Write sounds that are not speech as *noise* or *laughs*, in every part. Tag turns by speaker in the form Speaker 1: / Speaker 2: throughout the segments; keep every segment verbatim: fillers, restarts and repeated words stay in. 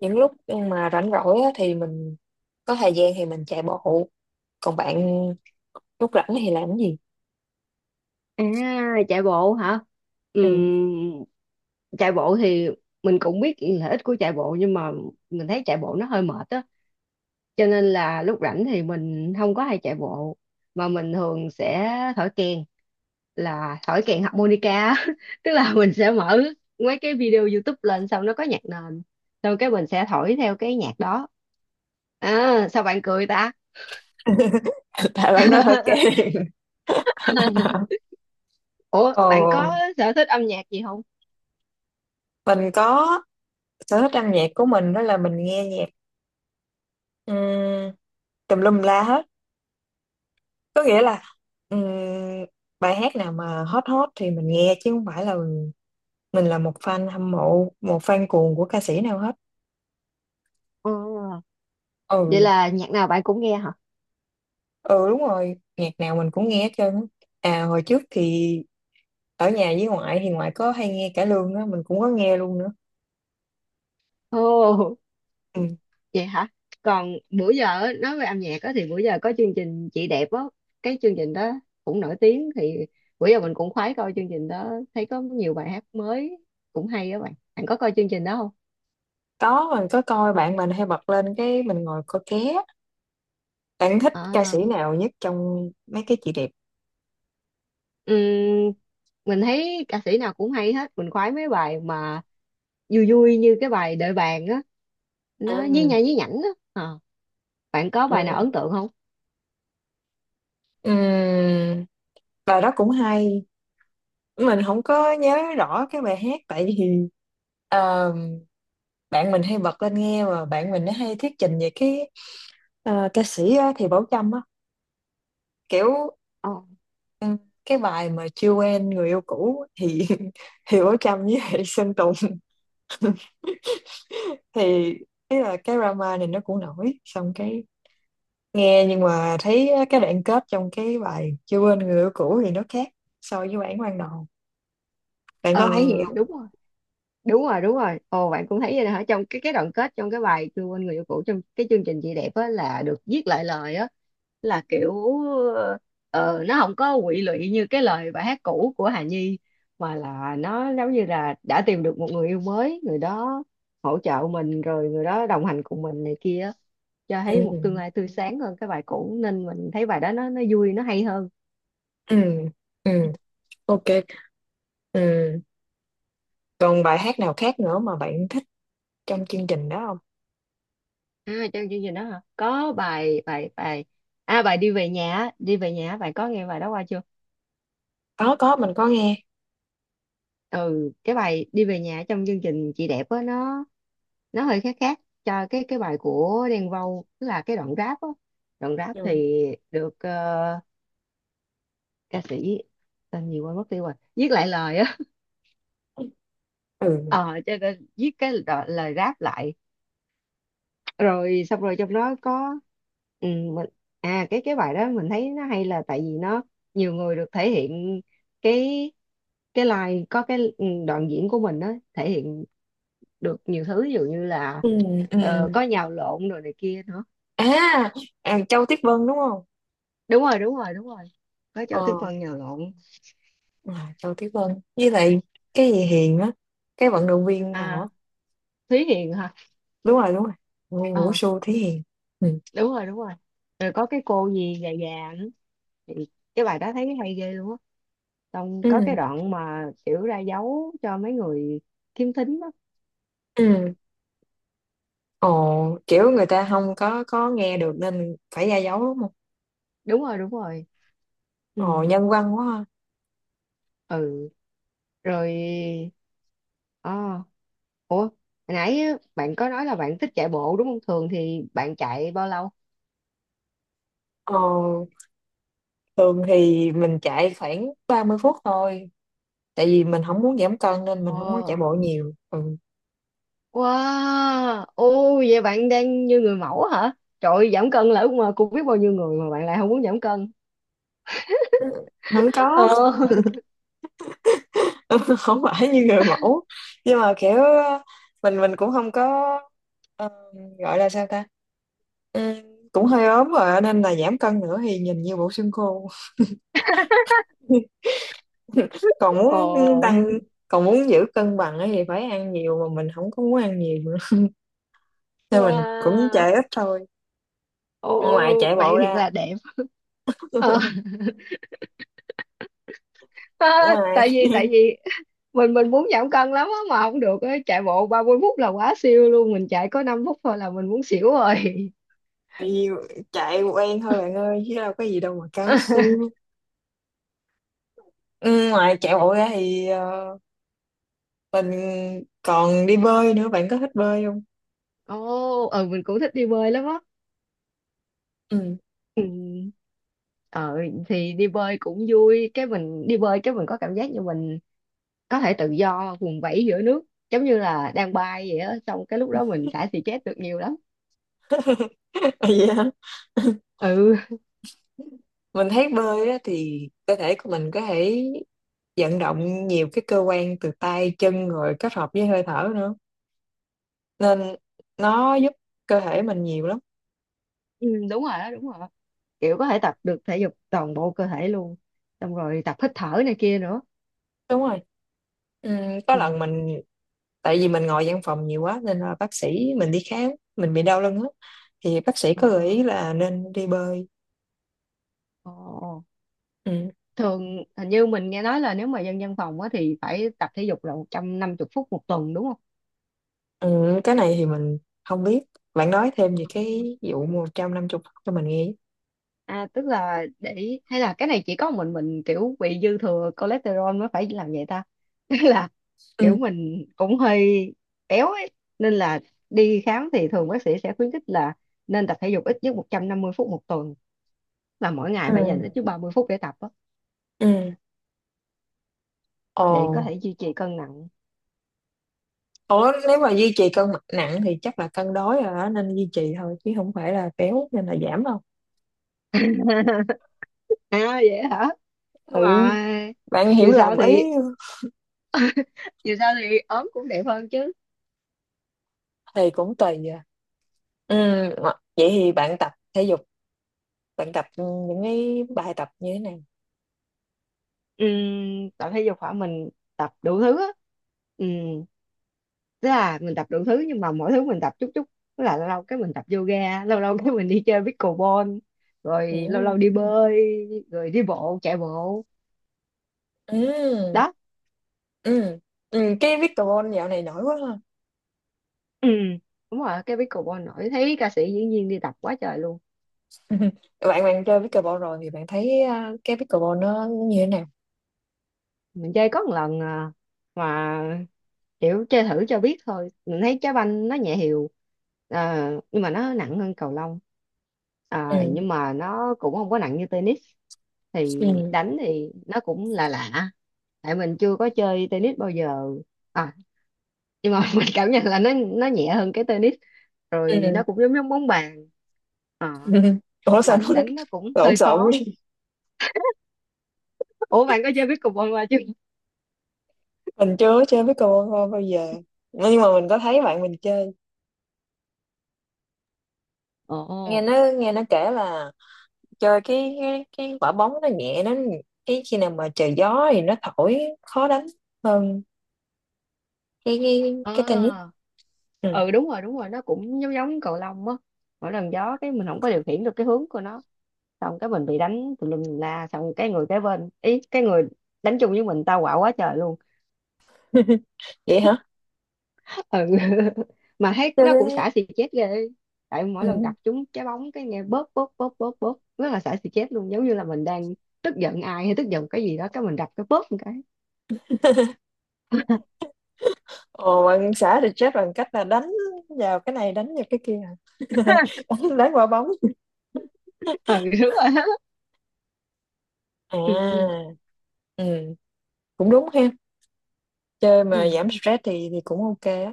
Speaker 1: Những lúc mà rảnh rỗi á, thì mình có thời gian thì mình chạy bộ. Còn bạn lúc rảnh thì làm cái gì?
Speaker 2: À, chạy bộ hả?
Speaker 1: Ừ.
Speaker 2: Ừm, Chạy bộ thì mình cũng biết lợi ích của chạy bộ, nhưng mà mình thấy chạy bộ nó hơi mệt á. Cho nên là lúc rảnh thì mình không có hay chạy bộ, mà mình thường sẽ thổi kèn, là thổi kèn harmonica á. *laughs* Tức là mình sẽ mở mấy cái video YouTube lên, xong nó có nhạc nền, xong cái mình sẽ thổi theo cái nhạc đó. À, sao bạn cười ta?
Speaker 1: *laughs* Tại bạn nói hơi kém.
Speaker 2: *laughs*
Speaker 1: *laughs*
Speaker 2: Ủa,
Speaker 1: Ồ,
Speaker 2: bạn có sở thích âm nhạc gì không?
Speaker 1: mình có, sở thích âm nhạc của mình đó là mình nghe nhạc um, tùm lum la hết. Có nghĩa là ừm, bài hát nào mà hot hot thì mình nghe chứ không phải là mình là một fan hâm mộ, một fan cuồng của ca sĩ nào hết.
Speaker 2: Ờ. Vậy
Speaker 1: Ừ,
Speaker 2: là nhạc nào bạn cũng nghe hả?
Speaker 1: ừ đúng rồi, nhạc nào mình cũng nghe hết trơn á. À, hồi trước thì ở nhà với ngoại thì ngoại có hay nghe cải lương á, mình cũng có nghe luôn nữa.
Speaker 2: Ồ,
Speaker 1: Ừ.
Speaker 2: vậy hả? Còn bữa giờ á, nói về âm nhạc á, thì bữa giờ có chương trình Chị Đẹp á, cái chương trình đó cũng nổi tiếng, thì bữa giờ mình cũng khoái coi chương trình đó, thấy có nhiều bài hát mới cũng hay á bạn. Bạn có coi chương trình đó không?
Speaker 1: Có, mình có coi, bạn mình hay bật lên cái mình ngồi coi ké. Bạn thích ca sĩ
Speaker 2: À,
Speaker 1: nào nhất trong mấy cái chị đẹp?
Speaker 2: ừm, mình thấy ca sĩ nào cũng hay hết, mình khoái mấy bài mà vui vui như cái bài Đợi bạn á, nó nhí
Speaker 1: Ừ.
Speaker 2: nha nhí nhảnh á. Ờ, bạn có bài nào
Speaker 1: Ừ.
Speaker 2: ấn tượng không?
Speaker 1: Ừ. Bài đó cũng hay, mình không có nhớ rõ cái bài hát tại vì ờ, bạn mình hay bật lên nghe mà bạn mình nó hay thuyết trình về cái ờ, ca sĩ á, thì Bảo Trâm á, kiểu
Speaker 2: Ờ,
Speaker 1: ừ, cái bài mà chưa quen người yêu cũ thì *laughs* thì Bảo Trâm với lại Sơn Tùng thì ý là cái drama này nó cũng nổi, xong cái nghe nhưng mà thấy cái đoạn kết trong cái bài chưa quên người yêu cũ thì nó khác so với bản ban đầu. Bạn
Speaker 2: ừ,
Speaker 1: có thấy vậy
Speaker 2: đúng
Speaker 1: không?
Speaker 2: rồi. Đúng rồi, đúng rồi. Ồ, bạn cũng thấy vậy hả? Trong cái cái đoạn kết, trong cái bài chưa quên người yêu cũ, trong cái chương trình Chị Đẹp á, là được viết lại lời á, là kiểu ờ, nó không có quỵ lụy như cái lời bài hát cũ của Hà Nhi, mà là nó giống như là đã tìm được một người yêu mới, người đó hỗ trợ mình, rồi người đó đồng hành cùng mình này kia á. Cho thấy một tương
Speaker 1: Ừ.
Speaker 2: lai tươi sáng hơn cái bài cũ, nên mình thấy bài đó nó nó vui, nó hay hơn.
Speaker 1: Ừ. Ừ. Ok. Ừ. Còn bài hát nào khác nữa mà bạn thích trong chương trình đó không?
Speaker 2: À, trong chương trình đó hả, có bài bài bài à, bài Đi về nhà á, đi về nhà á, bạn có nghe bài đó qua chưa?
Speaker 1: Có, có mình có nghe.
Speaker 2: Ừ, cái bài Đi về nhà trong chương trình Chị Đẹp á, nó nó hơi khác khác cho cái cái bài của Đen Vâu, tức là cái đoạn rap á, đoạn rap
Speaker 1: Ừ.
Speaker 2: thì được, ờ, ca sĩ tên gì quên mất tiêu rồi viết lại lời á. *laughs*
Speaker 1: Ừ.
Speaker 2: ờ cho nên viết cái đo- lời rap lại, rồi xong rồi trong đó có, ừ, mình, à, cái cái bài đó mình thấy nó hay là tại vì nó nhiều người được thể hiện cái cái line, có cái ừ, đoạn diễn của mình á, thể hiện được nhiều thứ, ví dụ như là
Speaker 1: Ừ. Ừ.
Speaker 2: ờ, có nhào lộn rồi này kia nữa.
Speaker 1: À, à Châu Tuyết Vân đúng không?
Speaker 2: Đúng rồi, đúng rồi, đúng rồi, có cho Tuyết
Speaker 1: Ờ.
Speaker 2: Vân nhào lộn.
Speaker 1: À, Châu Tuyết Vân với lại cái gì Hiền á, cái vận động viên nào á.
Speaker 2: À, Thúy Hiền hả?
Speaker 1: Đúng rồi, đúng rồi, nguyên Vũ
Speaker 2: Ờ,
Speaker 1: Xu Thí Hiền. Ừ.
Speaker 2: đúng rồi, đúng rồi. Rồi có cái cô gì già già nữa thì cái bài đó thấy cái hay ghê luôn á, xong
Speaker 1: Ừ.
Speaker 2: có cái đoạn mà kiểu ra dấu cho mấy người khiếm thính đó.
Speaker 1: Ừ. Ồ, kiểu người ta không có, có nghe được nên phải ra dấu đúng không?
Speaker 2: Đúng rồi, đúng rồi. Ừ,
Speaker 1: Ồ, nhân văn quá ha.
Speaker 2: ừ. Rồi, à, ủa hồi nãy á, bạn có nói là bạn thích chạy bộ đúng không, thường thì bạn chạy bao lâu?
Speaker 1: Ồ, thường thì mình chạy khoảng ba mươi phút thôi, tại vì mình không muốn giảm cân nên mình không có chạy
Speaker 2: Ờ.
Speaker 1: bộ nhiều. Ừ.
Speaker 2: Wow, ô vậy bạn đang như người mẫu hả? Trời ơi, giảm cân là ước mơ của biết bao nhiêu người mà bạn lại không muốn giảm cân.
Speaker 1: Không có.
Speaker 2: Ờ,
Speaker 1: *laughs* Không phải như người mẫu nhưng mà kiểu ờ, mình mình cũng không có, ờ, gọi là sao ta? Ừ, cũng hơi ốm rồi nên là giảm cân nữa thì nhìn như bộ xương khô. *laughs* *laughs* Còn
Speaker 2: ồ,
Speaker 1: muốn tăng, còn muốn giữ cân bằng ấy thì phải ăn nhiều mà mình không có muốn ăn nhiều nữa, nên mình cũng
Speaker 2: wow,
Speaker 1: chạy ít thôi. Ngoài
Speaker 2: ồ,
Speaker 1: chạy bộ
Speaker 2: bạn thiệt
Speaker 1: ra,
Speaker 2: là đẹp. Ờ, *laughs* à,
Speaker 1: ngoài
Speaker 2: tại vì tại vì mình mình muốn giảm cân lắm á mà không được á, chạy bộ ba mươi phút là quá siêu luôn, mình chạy có năm phút thôi là mình muốn xỉu rồi.
Speaker 1: nhiều- chạy quen thôi bạn ơi chứ đâu có gì đâu mà cao
Speaker 2: *laughs*
Speaker 1: siêu. Ừ, ngoài chạy bộ ra thì ờ, mình còn đi bơi nữa. Bạn có thích bơi không?
Speaker 2: Ồ, ừ, mình cũng thích đi bơi lắm á.
Speaker 1: Ừ.
Speaker 2: Ừ. Ờ, thì đi bơi cũng vui, cái mình đi bơi cái mình có cảm giác như mình có thể tự do vùng vẫy giữa nước, giống như là đang bay vậy á, xong cái lúc đó mình xả stress được nhiều lắm.
Speaker 1: *laughs* Vậy hả? *laughs*
Speaker 2: Ừ,
Speaker 1: Mình thấy bơi á, thì cơ thể của mình có thể vận động nhiều cái cơ quan từ tay chân rồi kết hợp với hơi thở nữa, nên nó giúp cơ thể mình nhiều lắm.
Speaker 2: ừ, đúng rồi đó, đúng rồi, kiểu có thể tập được thể dục toàn bộ cơ thể luôn, xong rồi tập hít thở này kia nữa.
Speaker 1: Đúng rồi. Ừm, có
Speaker 2: Ừ.
Speaker 1: lần mình, tại vì mình ngồi văn phòng nhiều quá nên là bác sĩ, mình đi khám mình bị đau lưng á, thì bác sĩ
Speaker 2: Ờ,
Speaker 1: có gợi ý là nên đi bơi.
Speaker 2: ờ.
Speaker 1: Ừ.
Speaker 2: Thường hình như mình nghe nói là nếu mà dân văn phòng á thì phải tập thể dục là một trăm năm mươi phút một tuần đúng không?
Speaker 1: Ừ, cái này thì mình không biết, bạn nói thêm về cái vụ một trăm năm mươi cho mình nghe.
Speaker 2: À, tức là để hay là cái này chỉ có mình mình kiểu bị dư thừa cholesterol mới phải làm vậy ta. *laughs* Tức là kiểu
Speaker 1: Ừ.
Speaker 2: mình cũng hơi béo ấy, nên là đi khám thì thường bác sĩ sẽ khuyến khích là nên tập thể dục ít nhất một trăm năm mươi phút một tuần, là mỗi ngày
Speaker 1: Ừ.
Speaker 2: phải dành ít nhất ba mươi phút để tập á,
Speaker 1: Ừ.
Speaker 2: để có
Speaker 1: Ồ.
Speaker 2: thể duy trì cân nặng.
Speaker 1: Ủa nếu mà duy trì cân nặng thì chắc là cân đối rồi đó, nên duy trì thôi chứ không phải là béo nên là giảm đâu.
Speaker 2: *laughs* À vậy hả? Nhưng
Speaker 1: Ừ,
Speaker 2: mà
Speaker 1: bạn hiểu
Speaker 2: dù sao
Speaker 1: lầm ý.
Speaker 2: thì dù sao thì ốm cũng đẹp hơn chứ.
Speaker 1: Thì cũng tùy à. Ừ, ngọ- vậy thì bạn tập thể dục, bạn tập những cái bài tập như thế này.
Speaker 2: Ừm, tập thể dục hả? Mình tập đủ thứ á. Ừm, tức là mình tập đủ thứ nhưng mà mỗi thứ mình tập chút chút, tức là lâu lâu cái mình tập yoga, lâu lâu cái mình đi chơi pickleball, rồi lâu lâu
Speaker 1: Ừ.
Speaker 2: đi bơi, rồi đi bộ, chạy bộ
Speaker 1: Ừ.
Speaker 2: đó.
Speaker 1: Ừ. Ừ. Cái pickleball dạo này nổi quá ha.
Speaker 2: Ừ, đúng rồi, cái pickleball nổi, thấy ca sĩ diễn viên đi tập quá trời luôn.
Speaker 1: *laughs* Bạn bạn chơi pickleball rồi thì bạn thấy à, cái pickleball nó như thế nào?
Speaker 2: Mình chơi có một lần à, mà kiểu chơi thử cho biết thôi, mình thấy trái banh nó nhẹ hiều, à, nhưng mà nó nặng hơn cầu lông, à,
Speaker 1: Ừ.
Speaker 2: nhưng mà nó cũng không có nặng như tennis, thì
Speaker 1: Ừ.
Speaker 2: đánh thì nó cũng là lạ lạ. Tại mình chưa có chơi tennis bao giờ, à, nhưng mà *laughs* mình cảm nhận là nó nó nhẹ hơn cái tennis,
Speaker 1: Ừ.
Speaker 2: rồi nó
Speaker 1: *laughs*
Speaker 2: cũng giống giống bóng bàn. Ờ,
Speaker 1: Ừ. Ủa sao
Speaker 2: mà
Speaker 1: nó
Speaker 2: đánh nó
Speaker 1: *laughs*
Speaker 2: cũng
Speaker 1: lộn
Speaker 2: hơi
Speaker 1: xộn
Speaker 2: khó.
Speaker 1: quá?
Speaker 2: Ủa bạn có chơi pickleball qua chưa?
Speaker 1: Mình chưa có chơi pickleball bao bao giờ. Nhưng mà mình có thấy bạn mình chơi. Nghe
Speaker 2: Ồ.
Speaker 1: nó nghe nó kể là chơi cái cái, cái quả bóng nó nhẹ nó, cái khi nào mà trời gió thì nó thổi khó đánh hơn cái cái
Speaker 2: À,
Speaker 1: cái tennis. Ừ.
Speaker 2: ừ, đúng rồi, đúng rồi, nó cũng giống giống cầu lông á, mỗi lần gió cái mình không có điều khiển được cái hướng của nó, xong cái mình bị đánh tùm lum tùm la, xong cái người kế bên ý, cái người đánh chung với mình tao quạo quá trời luôn.
Speaker 1: *laughs* Vậy
Speaker 2: *laughs*
Speaker 1: hả?
Speaker 2: Ừ. *laughs* Mà thấy
Speaker 1: Chơi
Speaker 2: nó cũng
Speaker 1: thế.
Speaker 2: xả xì chết ghê, tại
Speaker 1: Ừ.
Speaker 2: mỗi lần gặp chúng trái bóng cái nghe bóp bóp bóp bóp bóp, rất là xả xì chết luôn, giống như là mình đang tức giận ai hay tức giận cái gì đó, cái mình đập cái bóp một cái.
Speaker 1: *laughs* Ồ, bạn xã thì chết bằng cách là đánh vào cái này đánh vào cái kia hả? *laughs*
Speaker 2: *laughs*
Speaker 1: Đánh, đánh quả bóng.
Speaker 2: Ừ, đúng rồi. *laughs* Đó. Ừ, ừ,
Speaker 1: À. Ừ, cũng đúng ha, chơi mà
Speaker 2: ừ.
Speaker 1: giảm stress thì thì cũng ok á.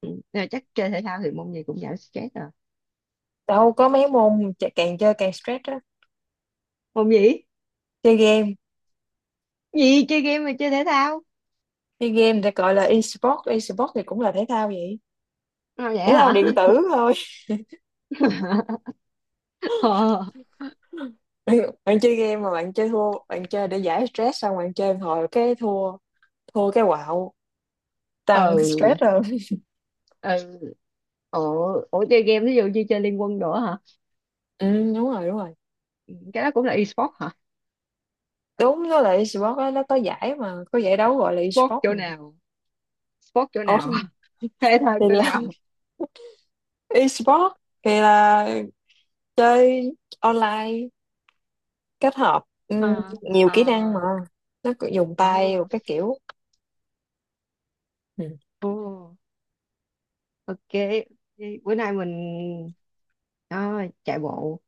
Speaker 2: Ừ. Rồi chắc chơi thể thao thì môn gì cũng giảm stress rồi.
Speaker 1: Đâu có, mấy môn chà- càng chơi càng stress á.
Speaker 2: Môn gì?
Speaker 1: Chơi game.
Speaker 2: Gì chơi game mà chơi thể thao?
Speaker 1: Chơi game thì gọi là e-sport, e-sport thì cũng là thể thao vậy.
Speaker 2: À, vậy
Speaker 1: Thể thao
Speaker 2: hả?
Speaker 1: điện tử thôi.
Speaker 2: *laughs* Ờ.
Speaker 1: *laughs* bạn bạn chơi game mà bạn chơi thua, bạn chơi để giải stress xong bạn chơi một hồi cái thua, thua cái quạo tăng
Speaker 2: Ừ,
Speaker 1: stress rồi.
Speaker 2: ừ. Ủa ủa chơi game ví dụ như chơi Liên Quân nữa hả?
Speaker 1: Ừ, đúng rồi đúng rồi.
Speaker 2: Cái đó cũng là e-sport hả?
Speaker 1: Đúng, với lại esports á, nó có giải mà có giải đấu gọi là
Speaker 2: Sport
Speaker 1: esports
Speaker 2: chỗ
Speaker 1: mà.
Speaker 2: nào? Sport chỗ
Speaker 1: Ồ,
Speaker 2: nào? *laughs* Thể thao
Speaker 1: thì
Speaker 2: chỗ
Speaker 1: là
Speaker 2: nào?
Speaker 1: *laughs* esports thì là chơi online kết hợp ừ,
Speaker 2: Ờ,
Speaker 1: nhiều
Speaker 2: ờ,
Speaker 1: kỹ năng mà, nó cứ dùng
Speaker 2: ờ,
Speaker 1: tay rồi các kiểu. Ừ.
Speaker 2: ờ, ok. Vậy bữa nay mình, à, chạy bộ,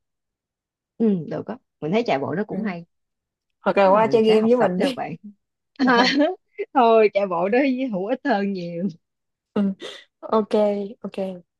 Speaker 2: ừ được á, mình thấy chạy bộ nó cũng
Speaker 1: Ừ.
Speaker 2: hay.
Speaker 1: Hoặc là
Speaker 2: Thế là
Speaker 1: qua
Speaker 2: mình
Speaker 1: chơi
Speaker 2: sẽ
Speaker 1: game
Speaker 2: học
Speaker 1: với
Speaker 2: tập
Speaker 1: mình
Speaker 2: theo
Speaker 1: đi.
Speaker 2: bạn.
Speaker 1: *laughs*
Speaker 2: *laughs* Thôi chạy bộ đó, hữu ích hơn nhiều.
Speaker 1: Ừ. Ok. Ok.